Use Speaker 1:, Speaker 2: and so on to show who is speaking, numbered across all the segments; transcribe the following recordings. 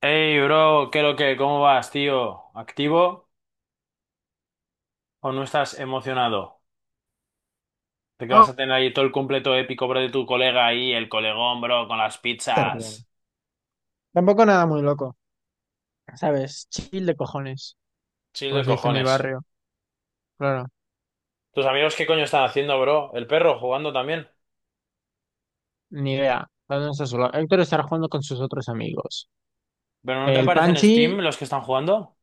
Speaker 1: Hey, bro, ¿qué lo que? ¿Cómo vas, tío? ¿Activo o no estás emocionado? De que vas
Speaker 2: No,
Speaker 1: a tener ahí todo el completo épico, bro, de tu colega ahí, el colegón, bro, con las
Speaker 2: estar bien.
Speaker 1: pizzas.
Speaker 2: Tampoco nada muy loco, ¿sabes? Chill de cojones,
Speaker 1: Chill
Speaker 2: como
Speaker 1: de
Speaker 2: se dice en mi
Speaker 1: cojones.
Speaker 2: barrio. Claro,
Speaker 1: ¿Tus amigos qué coño están haciendo, bro? ¿El perro jugando también?
Speaker 2: ni idea. ¿Dónde está solo? Héctor estará jugando con sus otros amigos.
Speaker 1: ¿Pero no te
Speaker 2: El
Speaker 1: aparecen en
Speaker 2: Panchi,
Speaker 1: Steam los que están jugando?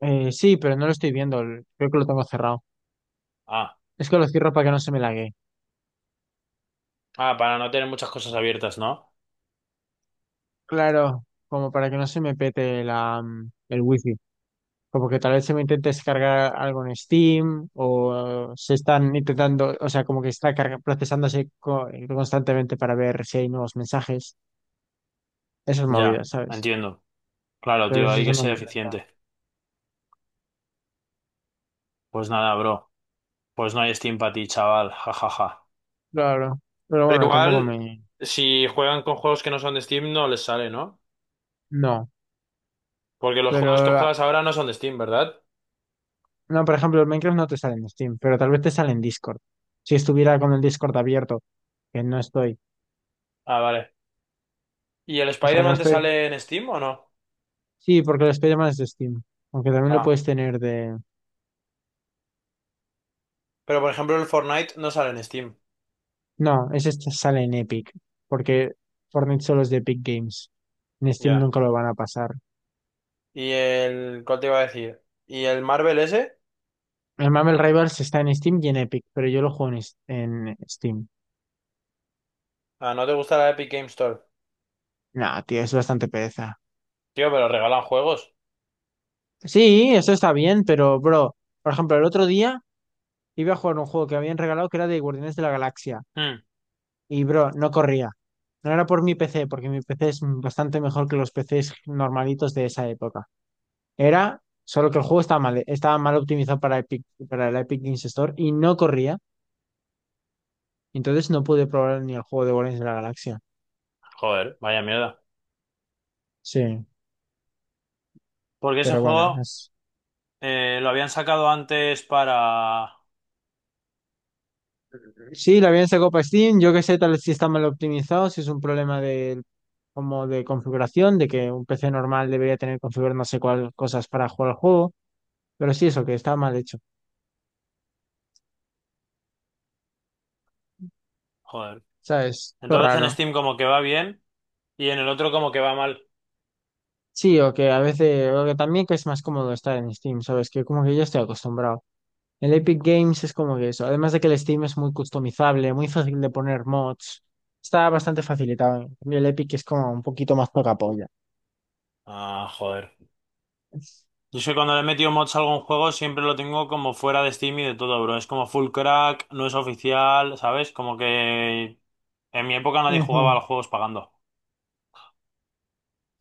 Speaker 2: sí, pero no lo estoy viendo. Creo que lo tengo cerrado.
Speaker 1: Ah,
Speaker 2: Es que lo cierro para que no se me lague.
Speaker 1: para no tener muchas cosas abiertas, ¿no?
Speaker 2: Claro, como para que no se me pete el wifi. Como que tal vez se me intente descargar algo en Steam o se están intentando, o sea, como que está procesándose constantemente para ver si hay nuevos mensajes. Esas
Speaker 1: Ya,
Speaker 2: movidas, ¿sabes?
Speaker 1: entiendo. Claro,
Speaker 2: Pero
Speaker 1: tío, hay
Speaker 2: eso
Speaker 1: que
Speaker 2: no
Speaker 1: ser
Speaker 2: me mermelada.
Speaker 1: eficiente. Pues nada, bro. Pues no hay Steam para ti, chaval. Ja, ja, ja.
Speaker 2: Claro. Pero
Speaker 1: Pero
Speaker 2: bueno, tampoco
Speaker 1: igual,
Speaker 2: me...
Speaker 1: si juegan con juegos que no son de Steam, no les sale, ¿no?
Speaker 2: No.
Speaker 1: Porque los juegos que
Speaker 2: Pero... ah,
Speaker 1: juegas ahora no son de Steam, ¿verdad?
Speaker 2: No, por ejemplo, el Minecraft no te sale en Steam, pero tal vez te sale en Discord. Si estuviera con el Discord abierto, que no estoy.
Speaker 1: Ah, vale. ¿Y el
Speaker 2: O sea, no
Speaker 1: Spider-Man te
Speaker 2: estoy...
Speaker 1: sale en Steam o no?
Speaker 2: Sí, porque el Spider-Man es de Steam. Aunque también lo
Speaker 1: Ah.
Speaker 2: puedes tener de...
Speaker 1: Pero por ejemplo, el Fortnite no sale en Steam.
Speaker 2: No, ese este sale en Epic. Porque Fortnite solo es de Epic Games. En Steam
Speaker 1: Ya.
Speaker 2: nunca lo van a pasar.
Speaker 1: ¿Y el... ¿Cuál te iba a decir? ¿Y el Marvel ese?
Speaker 2: El Marvel Rivals está en Steam y en Epic, pero yo lo juego en Steam.
Speaker 1: Ah, ¿no te gusta la Epic Game Store?
Speaker 2: No, tío, es bastante pereza.
Speaker 1: Tío, pero regalan juegos.
Speaker 2: Sí, eso está bien, pero, bro, por ejemplo, el otro día iba a jugar un juego que habían regalado que era de Guardianes de la Galaxia.
Speaker 1: Hmm,
Speaker 2: Y, bro, no corría. No era por mi PC, porque mi PC es bastante mejor que los PCs normalitos de esa época. Era solo que el juego estaba mal optimizado para Epic, para el Epic Games Store y no corría. Entonces no pude probar ni el juego de Guardianes de la Galaxia.
Speaker 1: Joder, vaya mierda.
Speaker 2: Sí,
Speaker 1: Porque ese
Speaker 2: pero bueno,
Speaker 1: juego
Speaker 2: es...
Speaker 1: lo habían sacado antes para...
Speaker 2: Sí, la bien sacó para Steam. Yo que sé, tal vez si está mal optimizado, si es un problema de, como de configuración, de que un PC normal debería tener configurar no sé cuál cosas para jugar al juego, pero sí eso, que está mal hecho,
Speaker 1: Joder.
Speaker 2: ¿sabes? Lo
Speaker 1: Entonces en
Speaker 2: raro.
Speaker 1: Steam como que va bien y en el otro como que va mal.
Speaker 2: Sí, o que a veces, o que también que es más cómodo estar en Steam, ¿sabes? Que como que yo estoy acostumbrado. El Epic Games es como que eso, además de que el Steam es muy customizable, muy fácil de poner mods, está bastante facilitado. En cambio, el Epic es como un poquito más poca polla.
Speaker 1: Ah, joder. Yo sé que cuando le he metido mods a algún juego siempre lo tengo como fuera de Steam y de todo, bro. Es como full crack, no es oficial, ¿sabes? Como que en mi época nadie jugaba a
Speaker 2: Ujú,
Speaker 1: los juegos pagando.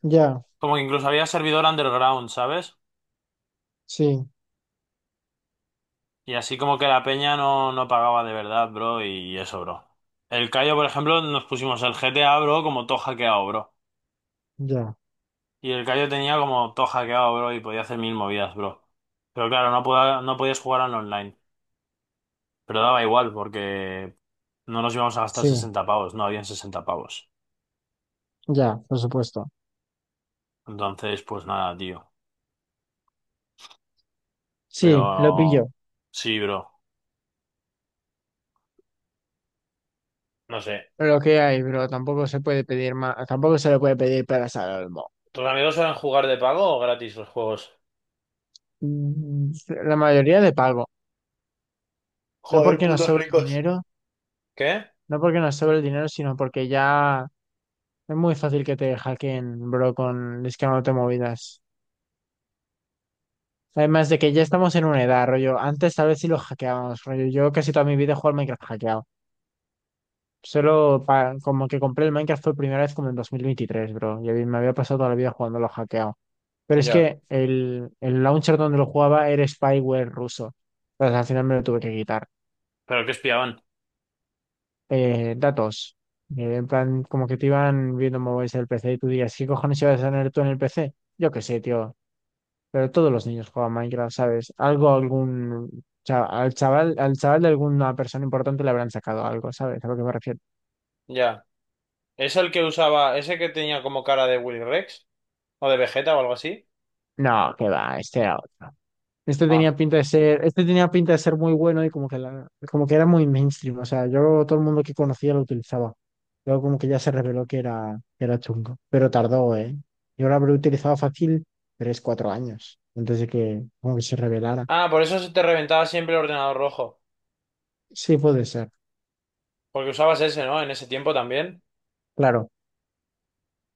Speaker 2: ya,
Speaker 1: Como que incluso había servidor underground, ¿sabes?
Speaker 2: sí,
Speaker 1: Y así como que la peña no pagaba de verdad, bro, y eso, bro. El Cayo, por ejemplo, nos pusimos el GTA, bro, como todo hackeado, bro.
Speaker 2: ya.
Speaker 1: Y el Cayo tenía como todo hackeado, bro, y podía hacer mil movidas, bro. Pero claro, no podías jugar al online. Pero daba igual porque no nos íbamos a gastar
Speaker 2: Sí,
Speaker 1: 60 pavos, no habían 60 pavos.
Speaker 2: ya, por supuesto.
Speaker 1: Entonces, pues nada, tío.
Speaker 2: Sí, lo
Speaker 1: Pero
Speaker 2: pillo.
Speaker 1: sí, bro. No sé.
Speaker 2: Lo que hay, bro, tampoco se puede pedir más, tampoco se le puede pedir peras al olmo.
Speaker 1: ¿Tus amigos suelen jugar de pago o gratis los juegos?
Speaker 2: Mm, La mayoría de pago. No
Speaker 1: Joder,
Speaker 2: porque nos
Speaker 1: putos
Speaker 2: sobre el
Speaker 1: ricos.
Speaker 2: dinero,
Speaker 1: ¿Qué?
Speaker 2: No porque nos sobre el dinero, sino porque ya es muy fácil que te hackeen, bro, con te movidas. Además de que ya estamos en una edad, rollo. Antes tal vez sí lo hackeábamos, rollo. Yo casi toda mi vida he jugado al Minecraft hackeado. Como que compré el Minecraft fue primera vez como en 2023, bro. Me había pasado toda la vida jugándolo hackeado. Pero es
Speaker 1: Ya.
Speaker 2: que el launcher donde lo jugaba era spyware ruso. Entonces al final me lo tuve que quitar.
Speaker 1: ¿Pero qué espiaban?
Speaker 2: Datos. En plan, como que te iban viendo móviles del PC y tú digas, ¿qué cojones ibas a tener tú en el PC? Yo qué sé, tío. Pero todos los niños juegan Minecraft, ¿sabes? Algo, algún. Al chaval de alguna persona importante le habrán sacado algo, ¿sabes? A lo que me refiero.
Speaker 1: Ya. ¿Es el que usaba, ese que tenía como cara de Willy Rex? ¿O de Vegeta o algo así?
Speaker 2: No, que va, este era otro. Este
Speaker 1: Ah.
Speaker 2: tenía pinta de ser, Este tenía pinta de ser muy bueno y como que era muy mainstream. O sea, yo todo el mundo que conocía lo utilizaba. Luego como que ya se reveló que era chungo. Pero tardó, ¿eh? Yo lo habré utilizado fácil tres, cuatro años antes de que como que se revelara.
Speaker 1: Ah, por eso se te reventaba siempre el ordenador rojo.
Speaker 2: Sí, puede ser.
Speaker 1: Porque usabas ese, ¿no? En ese tiempo también.
Speaker 2: Claro.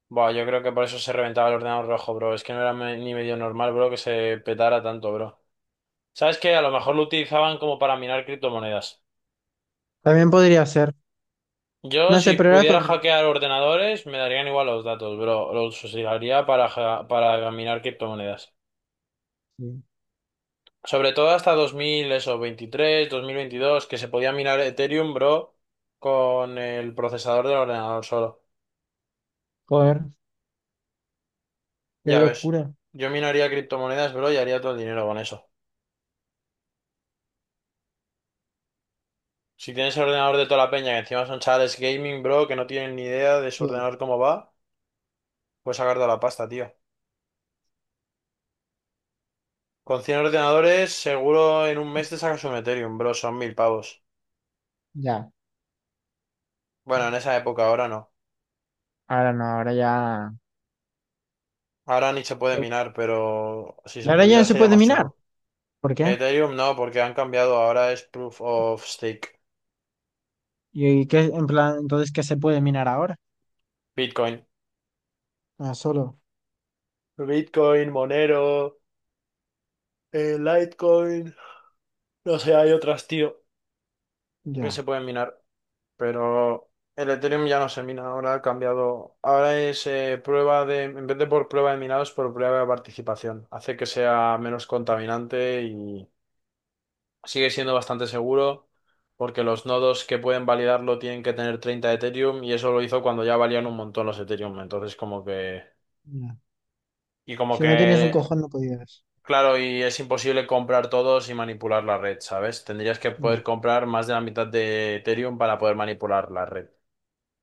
Speaker 1: Buah, yo creo que por eso se reventaba el ordenador rojo, bro. Es que no era ni medio normal, bro, que se petara tanto, bro. ¿Sabes qué? A lo mejor lo utilizaban como para minar criptomonedas.
Speaker 2: También podría ser.
Speaker 1: Yo,
Speaker 2: No sé,
Speaker 1: si
Speaker 2: pero era
Speaker 1: pudiera
Speaker 2: tor-
Speaker 1: hackear ordenadores, me darían igual los datos, bro. Los usaría para, para minar criptomonedas.
Speaker 2: Sí.
Speaker 1: Sobre todo hasta 2000, eso, 23, 2022, que se podía minar Ethereum, bro, con el procesador del ordenador solo.
Speaker 2: Joder, qué
Speaker 1: Ya ves.
Speaker 2: locura.
Speaker 1: Yo minaría criptomonedas, bro, y haría todo el dinero con eso. Si tienes el ordenador de toda la peña, que encima son chavales gaming, bro, que no tienen ni idea de su
Speaker 2: Sí.
Speaker 1: ordenador cómo va, puedes sacar toda la pasta, tío. Con 100 ordenadores, seguro en un mes te sacas un Ethereum, bro, son 1000 pavos.
Speaker 2: Ya.
Speaker 1: Bueno, en esa época, ahora no.
Speaker 2: Ahora no, ahora ya.
Speaker 1: Ahora ni se puede
Speaker 2: Y
Speaker 1: minar, pero si se
Speaker 2: ahora ya no
Speaker 1: pudiera
Speaker 2: se
Speaker 1: sería
Speaker 2: puede
Speaker 1: más
Speaker 2: minar.
Speaker 1: chungo.
Speaker 2: ¿Por qué?
Speaker 1: Ethereum no, porque han cambiado, ahora es Proof of Stake.
Speaker 2: ¿Y qué, en plan, entonces qué se puede minar ahora?
Speaker 1: Bitcoin.
Speaker 2: Ah, solo.
Speaker 1: Bitcoin, Monero, Litecoin, no sé, hay otras, tío, que
Speaker 2: Ya,
Speaker 1: se pueden minar. Pero el Ethereum ya no se mina, ahora ha cambiado. Ahora es prueba de, en vez de por prueba de minado, es por prueba de participación. Hace que sea menos contaminante y sigue siendo bastante seguro porque los nodos que pueden validarlo tienen que tener 30 Ethereum y eso lo hizo cuando ya valían un montón los Ethereum. Entonces como que...
Speaker 2: ya.
Speaker 1: Y como
Speaker 2: Si no tenías un
Speaker 1: que...
Speaker 2: cojón, no podías.
Speaker 1: Claro, y es imposible comprar todos y manipular la red, ¿sabes? Tendrías que poder
Speaker 2: Ya,
Speaker 1: comprar más de la mitad de Ethereum para poder manipular la red.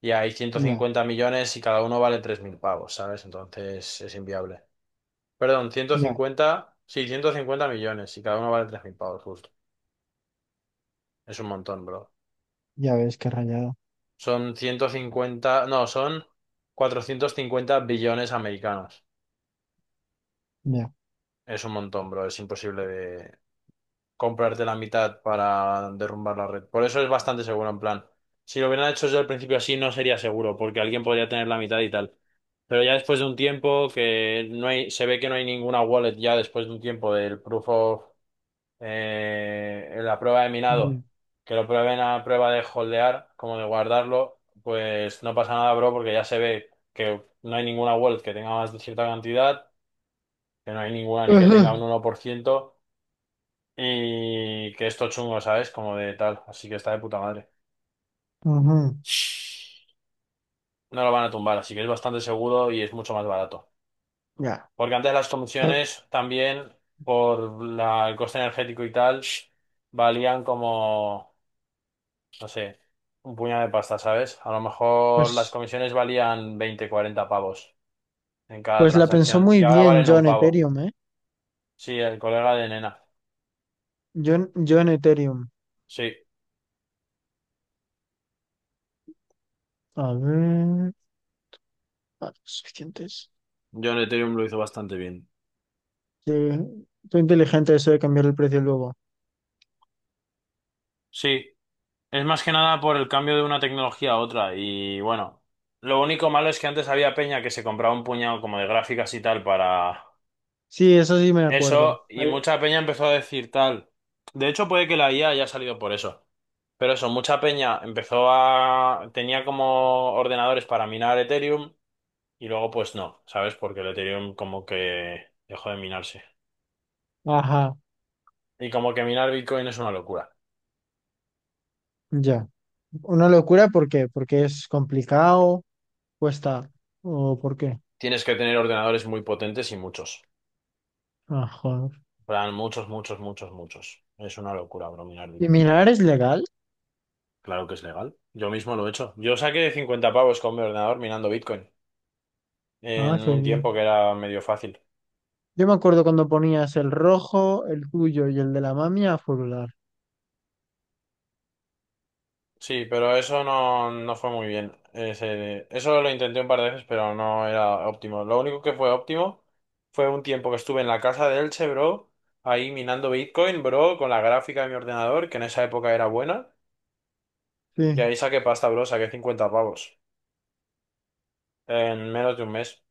Speaker 1: Y hay
Speaker 2: ya,
Speaker 1: 150 millones y cada uno vale 3000 pavos, ¿sabes? Entonces es inviable. Perdón,
Speaker 2: ya.
Speaker 1: 150, sí, 150 millones y cada uno vale 3.000 pavos, justo. Es un montón, bro.
Speaker 2: Ya ves qué rayado.
Speaker 1: Son 150, no, son 450 billones americanos.
Speaker 2: Ya.
Speaker 1: Es un montón, bro. Es imposible de comprarte la mitad para derrumbar la red. Por eso es bastante seguro, en plan. Si lo hubieran hecho desde el principio así, no sería seguro, porque alguien podría tener la mitad y tal. Pero ya después de un tiempo que no hay, se ve que no hay ninguna wallet ya después de un tiempo del proof of la prueba de
Speaker 2: Ya.
Speaker 1: minado, que lo prueben a prueba de holdear, como de guardarlo, pues no pasa nada, bro, porque ya se ve que no hay ninguna wallet que tenga más de cierta cantidad, que no hay ninguna ni que
Speaker 2: Ajá.
Speaker 1: tenga un 1 por ciento y que esto chungo, ¿sabes? Como de tal. Así que está de puta madre.
Speaker 2: Ujú.
Speaker 1: No lo van a tumbar, así que es bastante seguro y es mucho más barato.
Speaker 2: Ya.
Speaker 1: Porque antes las
Speaker 2: Ah,
Speaker 1: comisiones también, por el coste energético y tal, valían como, no sé, un puñado de pasta, ¿sabes? A lo mejor las
Speaker 2: pues,
Speaker 1: comisiones valían 20 40 pavos en cada
Speaker 2: pues la pensó
Speaker 1: transacción.
Speaker 2: muy
Speaker 1: Y ahora
Speaker 2: bien
Speaker 1: valen
Speaker 2: John
Speaker 1: un pavo.
Speaker 2: Ethereum, ¿eh?
Speaker 1: Sí, el colega de Nena.
Speaker 2: John, John Ethereum.
Speaker 1: Sí,
Speaker 2: A ver. Ah, suficientes.
Speaker 1: yo en Ethereum lo hizo bastante bien.
Speaker 2: Sí. Fue inteligente eso de cambiar el precio luego.
Speaker 1: Sí. Es más que nada por el cambio de una tecnología a otra. Y bueno, lo único malo es que antes había peña que se compraba un puñado como de gráficas y tal para
Speaker 2: Sí, eso sí me acuerdo.
Speaker 1: eso. Y
Speaker 2: Ay,
Speaker 1: mucha peña empezó a decir tal. De hecho, puede que la IA haya salido por eso. Pero eso, mucha peña empezó a... Tenía como ordenadores para minar Ethereum y luego pues no, ¿sabes? Porque el Ethereum como que dejó de minarse.
Speaker 2: ajá,
Speaker 1: Y como que minar Bitcoin es una locura.
Speaker 2: ya. Una locura, ¿por qué? Porque es complicado, cuesta. ¿O por qué?
Speaker 1: Tienes que tener ordenadores muy potentes y muchos.
Speaker 2: Ajá.
Speaker 1: Plan, muchos, muchos, muchos, muchos. Es una locura, bro, minar
Speaker 2: ¿Y
Speaker 1: Bitcoin.
Speaker 2: minar es legal?
Speaker 1: Claro que es legal. Yo mismo lo he hecho. Yo saqué 50 pavos con mi ordenador minando Bitcoin
Speaker 2: Ah,
Speaker 1: en
Speaker 2: qué
Speaker 1: un
Speaker 2: bien.
Speaker 1: tiempo que era medio fácil.
Speaker 2: Yo me acuerdo cuando ponías el rojo, el tuyo y el de la mami a furular.
Speaker 1: Sí, pero eso no, no fue muy bien. Eso lo intenté un par de veces, pero no era óptimo. Lo único que fue óptimo fue un tiempo que estuve en la casa de Elche, bro, ahí minando Bitcoin, bro, con la gráfica de mi ordenador, que en esa época era buena, y
Speaker 2: Sí,
Speaker 1: ahí saqué pasta, bro, saqué 50 pavos en menos de un mes.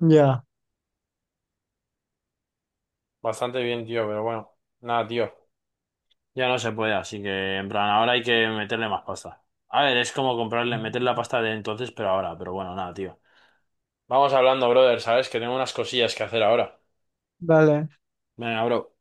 Speaker 2: ya.
Speaker 1: Bastante bien, tío, pero bueno, nada, tío, ya no se puede, así que en plan, ahora hay que meterle más pasta. A ver, es como comprarle, meter la pasta de entonces, pero ahora, pero bueno, nada, tío. Vamos hablando, brother, ¿sabes? Que tengo unas cosillas que hacer ahora.
Speaker 2: Vale.
Speaker 1: Venga, bro.